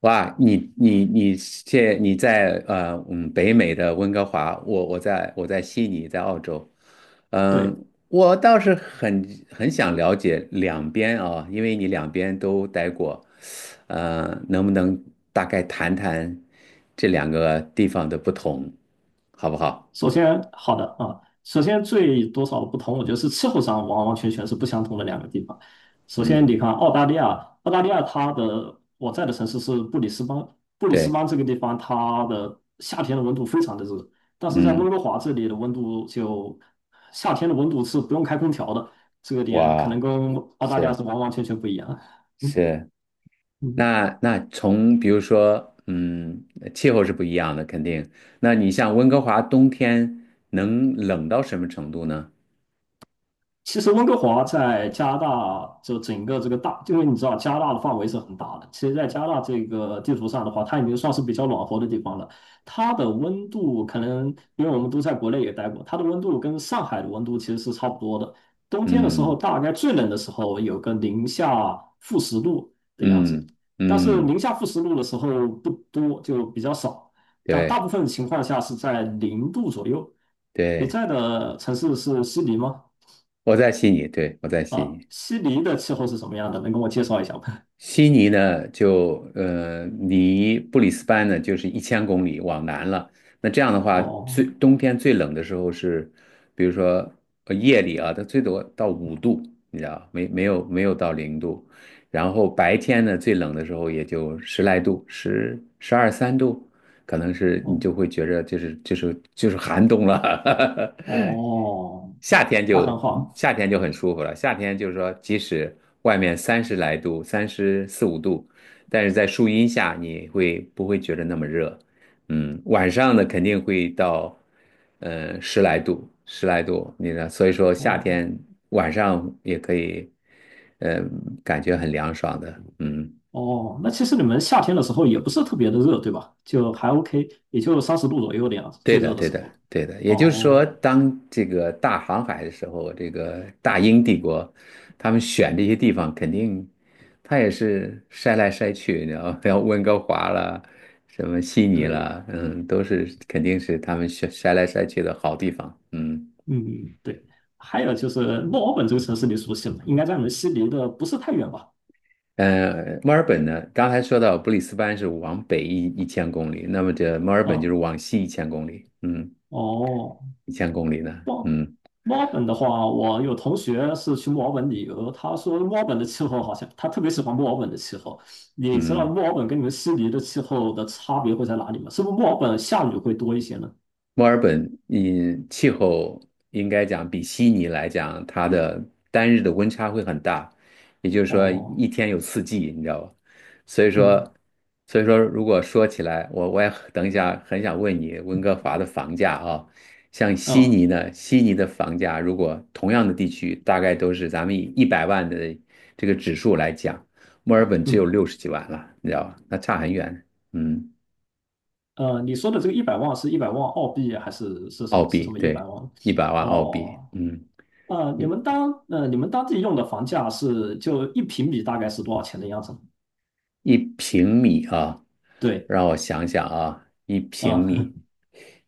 哇，你现在北美的温哥华，我在悉尼，在澳洲。对，嗯，我倒是很想了解两边啊，因为你两边都待过。能不能大概谈谈这两个地方的不同，好不好？首先好的啊，首先最多少的不同，我觉得是气候上完完全全是不相同的两个地方。首先，你嗯。看澳大利亚，澳大利亚它的我在的城市是布里斯班，布里斯对。班这个地方它的夏天的温度非常的热，但是在温嗯。哥华这里的温度就夏天的温度是不用开空调的，这个点可能哇，跟澳大利亚是是完完全全不一样。是。嗯那从比如说，气候是不一样的，肯定。那你像温哥华冬天能冷到什么程度呢？其实温哥华在加拿大，就整个这个大，因为你知道加拿大的范围是很大的。其实，在加拿大这个地图上的话，它已经算是比较暖和的地方了。它的温度可能，因为我们都在国内也待过，它的温度跟上海的温度其实是差不多的。冬天的时候，嗯大概最冷的时候有个零下负十度的样子，嗯但是嗯，零下负十度的时候不多，就比较少。但大对部分情况下是在零度左右。你对，在的城市是悉尼吗？我在悉尼，对，我在悉啊，尼。悉尼的气候是什么样的？能跟我介绍一下吗？悉尼呢，就离布里斯班呢就是一千公里往南了。那这样的 话，哦冬天最冷的时候是，比如说夜里啊，它最多到五度，你知道，没有到0度。然后白天呢，最冷的时候也就十来度，十二三度，可能是你哦就会觉着就是寒冬了。哦，夏天那很就好。夏天就很舒服了。夏天就是说，即使外面30来度、34、35度，但是在树荫下你会不会觉得那么热？晚上呢肯定会到，十来度，十来度，你呢？所以说夏哦天晚上也可以，呃，感觉很凉爽的。嗯，哦，那其实你们夏天的时候也不是特别的热，对吧？就还 OK，也就30度左右的样子，对最的，热的对时的，候。对的。也就是说，哦，当这个大航海的时候，这个大英帝国，他们选这些地方，肯定他也是筛来筛去，你知道吗？像温哥华了，什么悉尼对，了，嗯，都是肯定是他们选筛来筛去的好地方。嗯。嗯，对。还有就是墨尔本这个城市你熟悉吗？应该在你们悉尼的不是太远吧？墨尔本呢，刚才说到布里斯班是往北一千公里，那么这墨尔本就啊，是往西一千公里，嗯，哦一千公里呢，墨嗯墨尔本的话，我有同学是去墨尔本旅游，他说墨尔本的气候好像他特别喜欢墨尔本的气候。你知道嗯。墨尔本跟你们悉尼的气候的差别会在哪里吗？是不是墨尔本下雨会多一些呢？墨尔本，气候应该讲比悉尼来讲，它的单日的温差会很大，也就是说哦，一天有四季，你知道吧？所以嗯，说，所以说如果说起来，我也很等一下很想问你温哥华的房价啊。像悉嗯尼呢，悉尼的房价如果同样的地区，大概都是咱们以一百万的这个指数来讲，墨尔本只有嗯，六十几万了，你知道吧？那差很远。嗯，你说的这个一百万是100万澳币还是是什澳么是币，什么一百对，万？100万澳币。哦，嗯。你一们当呃你们当地用的房价是就一平米大概是多少钱的样子？一平米啊，对，让我想想啊，一平啊、米，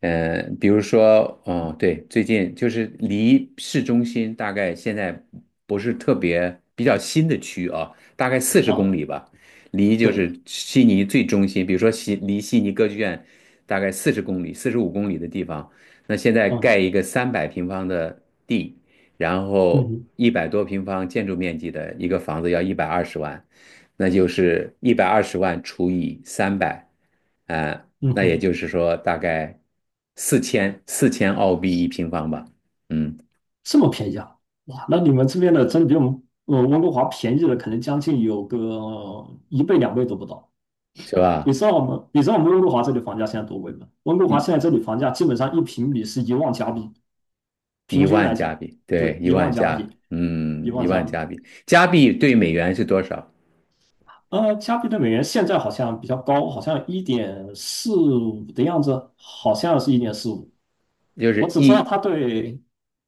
比如说，哦，对，最近就是离市中心大概现在不是特别比较新的区啊，大概四十公啊、里吧，离就是对，悉尼最中心，比如说离悉尼歌剧院大概四十公里、45公里的地方，那现在嗯盖一个300平方的地，然嗯后哼100多平方建筑面积的一个房子要一百二十万。那就是一百二十万除以三百，啊，嗯那也哼。就是说大概4000澳币一平方吧。嗯，这么便宜啊？哇，那你们这边的真的比我们温哥华便宜了，可能将近有个一倍两倍都不到。是你吧？知道我们，你知道我们温哥华这里房价现在多贵吗？温哥华一现在这里房价基本上一平米是一万加币，平一均万来加讲，币，对，对，一万加币，一一万加万币。加币。加币对美元是多少？加币对美元现在好像比较高，好像一点四五的样子，好像是一点四五。就我是只知道它对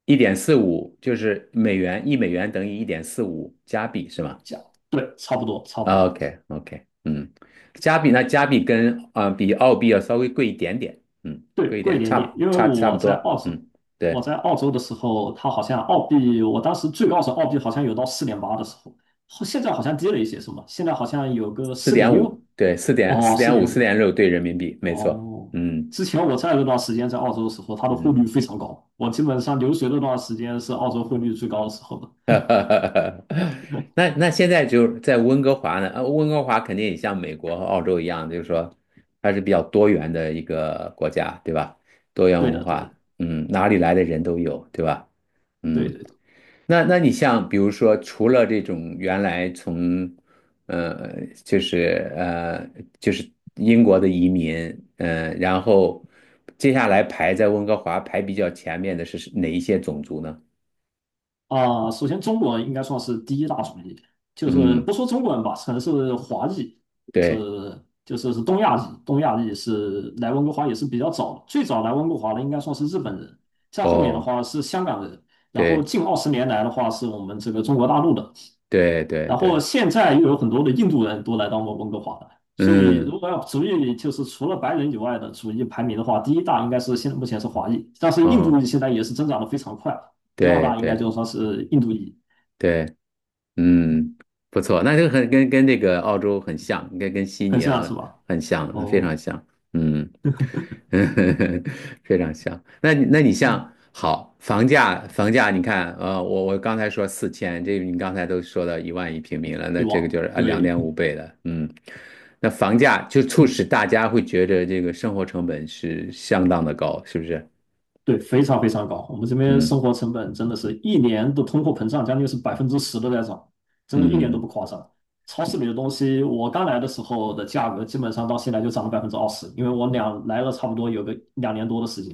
一点四五，就是美元一美元等于1.45加币，是吗？加，对，差不多，差不多。OK OK。嗯。加币跟比澳币要稍微贵一点点。嗯，对，贵一贵一点。点差点，不因为差差不我在多。澳洲，嗯。对，我在澳洲的时候，它好像澳币，我当时最高时候澳币好像有到4.8的时候，后现在好像跌了一些，是吗？现在好像有个四四点点六，五，对，四点哦，四四点五点四五，点六对人民币，没错。哦。嗯之前我在那段时间在澳洲的时候，它的汇率嗯。非常高，我基本上留学那段时间是澳洲汇率最高的时候的。那现在就是在温哥华呢，温哥华肯定也像美国和澳洲一样，就是说它是比较多元的一个国家，对吧？多元对文的，对化。的，哪里来的人都有，对吧？对嗯。的。那你像比如说，除了这种原来从，呃，就是呃，就是英国的移民，然后接下来排在温哥华排比较前面的是哪一些种族呢？首先中国人应该算是第一大种裔，就是不嗯，说中国人吧，可能是华裔，就对，是就是是东亚裔，东亚裔是来温哥华也是比较早的，最早来温哥华的应该算是日本人，再后面的哦，话是香港人，然后对近20年来的话是我们这个中国大陆的，对对然后对，现在又有很多的印度人都来到我们温哥华了，所以如嗯，果要族裔，就是除了白人以外的族裔排名的话，第一大应该是现在目前是华裔，但是印度哦，裔现在也是增长的非常快，第二对大应该对就算是印度裔，对。嗯，不错，那就很跟这个澳洲很像，跟悉很尼像啊是吧？很像，非哦，常像。嗯。非常像。那你嗯，像好房价，房价你看，我刚才说四千，这你刚才都说到一万一平米了，那对这个吧？就是两对，点五倍的，那房价就促使大家会觉得这个生活成本是相当的高，是不是？对，非常非常高。我们这边生嗯活成本真的是一年的通货膨胀将近是10%都在涨，真的一点都不嗯。夸张。超市里的东西，我刚来的时候的价格基本上到现在就涨了百分之二十，因为我俩来了差不多有个2年多的时间。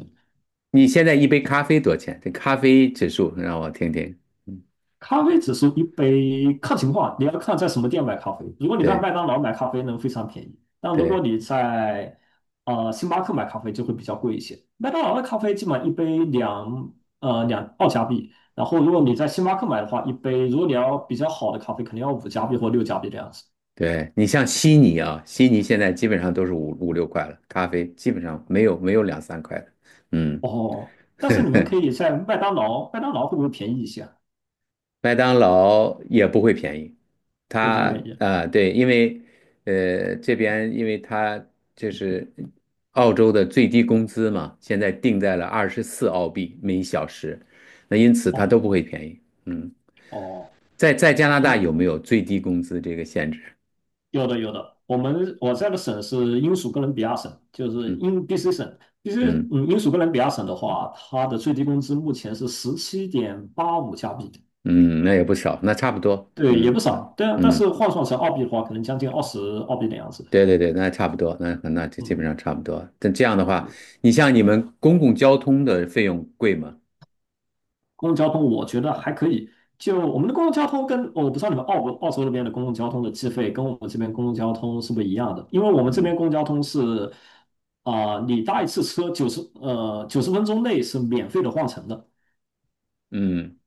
你现在一杯咖啡多少钱？这咖啡指数让我听听。嗯咖啡只是一杯，看情况，你要看在什么店买咖啡。如果你在对麦当劳买咖啡呢，非常便宜；但如果对你在星巴克买咖啡，就会比较贵一些。麦当劳的咖啡基本上一杯两两澳加币，然后如果你在星巴克买的话，一杯如果你要比较好的咖啡，肯定要五加币或6加币这样子。对。你像悉尼啊，悉尼现在基本上都是五五六块了，咖啡基本上没有两三块的。嗯，哦，但是你们可以在麦当劳，麦当劳会不会便宜一些啊麦当劳也不会便宜，也不会它便宜。啊对，因为这边因为它就是澳洲的最低工资嘛，现在定在了24澳币每小时，那因此它都哦不会便宜。嗯。哦，在加拿我大们有没有最低工资这个限制？有的有的，我在的省是英属哥伦比亚省，就是嗯英 BC 省。BC 嗯。嗯，英属哥伦比亚省的话，它的最低工资目前是17.85加币，嗯，那也不少，那差不多。对，也嗯，不少。嗯但是嗯，换算成澳币的话，可能将近20澳币的样子。对对对，那差不多，那就基本嗯，上差不多。但这样的话，对，你像你们公共交通的费用贵吗？公共交通我觉得还可以。就我们的公共交通哦我不知道你们澳洲那边的公共交通的计费跟我们这边公共交通是不是一样的？因为我们这嗯边公共交通是啊、你搭一次车九十分钟内是免费的换乘的。嗯，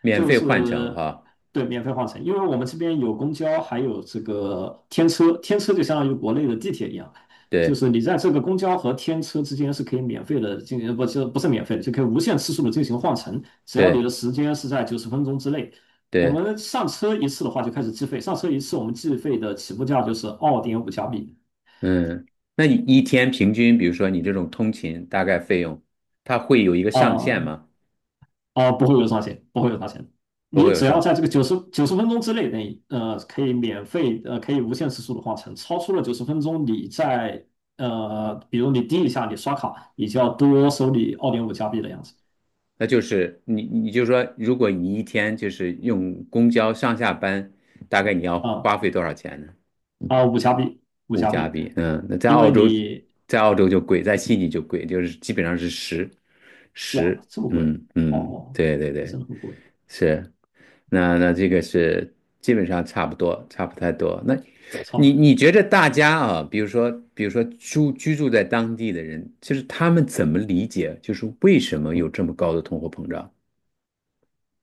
免就费换乘是哈，对免费换乘，因为我们这边有公交，还有这个天车，天车就相当于国内的地铁一样，就对是你在这个公交和天车之间是可以免费的进行，不是不是免费的，就可以无限次数的进行换乘，只要你对的时间是在九十分钟之内。我对。们上车一次的话就开始计费，上车一次我们计费的起步价就是二点五加币。嗯，那你一天平均，比如说你这种通勤大概费用，它会有一个上限啊、吗？啊，不会有上钱，不会有上钱。不你会有只要上。在这个九十分钟之内，可以免费，可以无限次数的换乘。超出了九十分钟，比如你滴一下，你刷卡，你就要多收你二点五加币的样子。那就是你就说，如果你一天就是用公交上下班，大概你要啊花费多少钱呢？啊，五加币，五物加价币，比，嗯，那在因澳为洲，你就贵，在悉尼就贵，就是基本上是十，哇十。这么贵嗯嗯，哦，对对对，真的很贵，是。那这个是基本上差不多，差不太多。那超不你来。你觉得大家啊，比如说居住在当地的人，就是他们怎么理解，就是为什么有这么高的通货膨胀？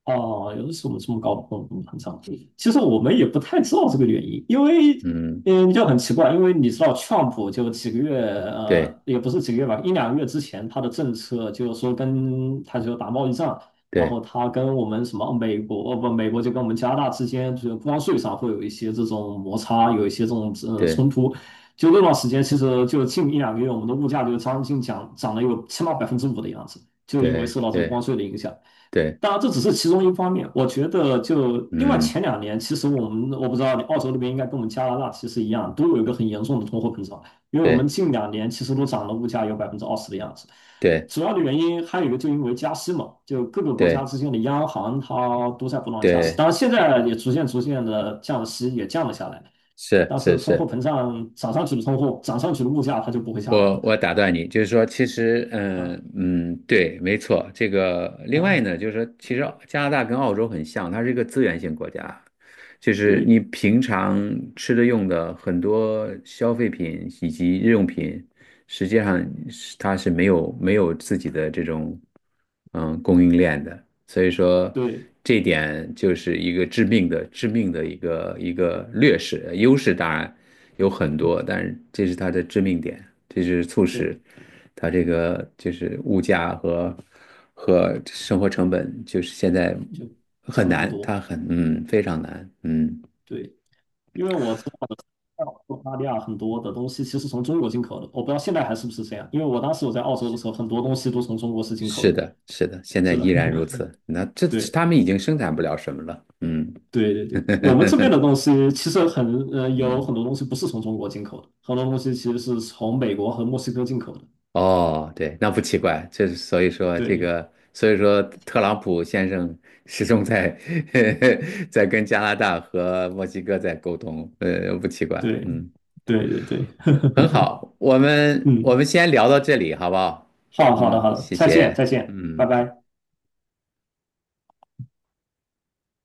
哦，有的时候我们这么高的共很成长？其实我们也不太知道这个原因，因为嗯，就很奇怪，因为你知道，Trump 就几个月对也不是几个月吧，一两个月之前，他的政策就是说跟他就打贸易战，然对后他跟我们什么美国，哦不，美国就跟我们加拿大之间，就是关税上会有一些这种摩擦，有一些这种对冲突。就那段时间，其实就近一两个月，我们的物价就将近涨了有起码5%的样子，就因为对受到这个对关税的影响。对，当然，这只是其中一方面。我觉得，就另外嗯，前2年，其实我们我不知道，你澳洲那边应该跟我们加拿大其实一样，都有一个很严重的通货膨胀。因为我们对近2年其实都涨了，物价有百分之二十的样子。对主要的原因还有一个，就因为加息嘛，就各个国家对之间的央行它都在不断加息。对，当然，现在也逐渐逐渐的降息，也降了下来。是但是是通货是。膨胀涨上去的物价它就不会下来我了。我打断你，就是说，其实，啊嗯嗯，对，没错。这个另啊，外呢，就是说，其实加拿大跟澳洲很像，它是一个资源性国家，就是你对平常吃的用的很多消费品以及日用品，实际上是它是没有自己的这种供应链的，所以说对，这一点就是一个致命的一个劣势，优势当然有很多，嗯，但是这是它的致命点，这是促使对，它这个就是物价和生活成本就是现在就很涨了很难，多。它很嗯非常难。嗯。对。因为我知道澳大利亚很多的东西其实从中国进口的，我不知道现在还是不是这样。因为我当时我在澳洲的时候，很多东西都从中国是进口是的。的，是的，现在是的，依然如此。那这 对他们已经生产不了什么了。嗯。对对对，我们这边的 东西其实有嗯，很多东西不是从中国进口的，很多东西其实是从美国和墨西哥进口的。哦，对，那不奇怪，这所以说这对个，所以说特朗普先生始终在 在跟加拿大和墨西哥在沟通，不奇怪。对嗯。对对对，很好，我嗯，们先聊到这里，好不好？好的好的嗯，好的，谢再见谢。再见，拜嗯。拜。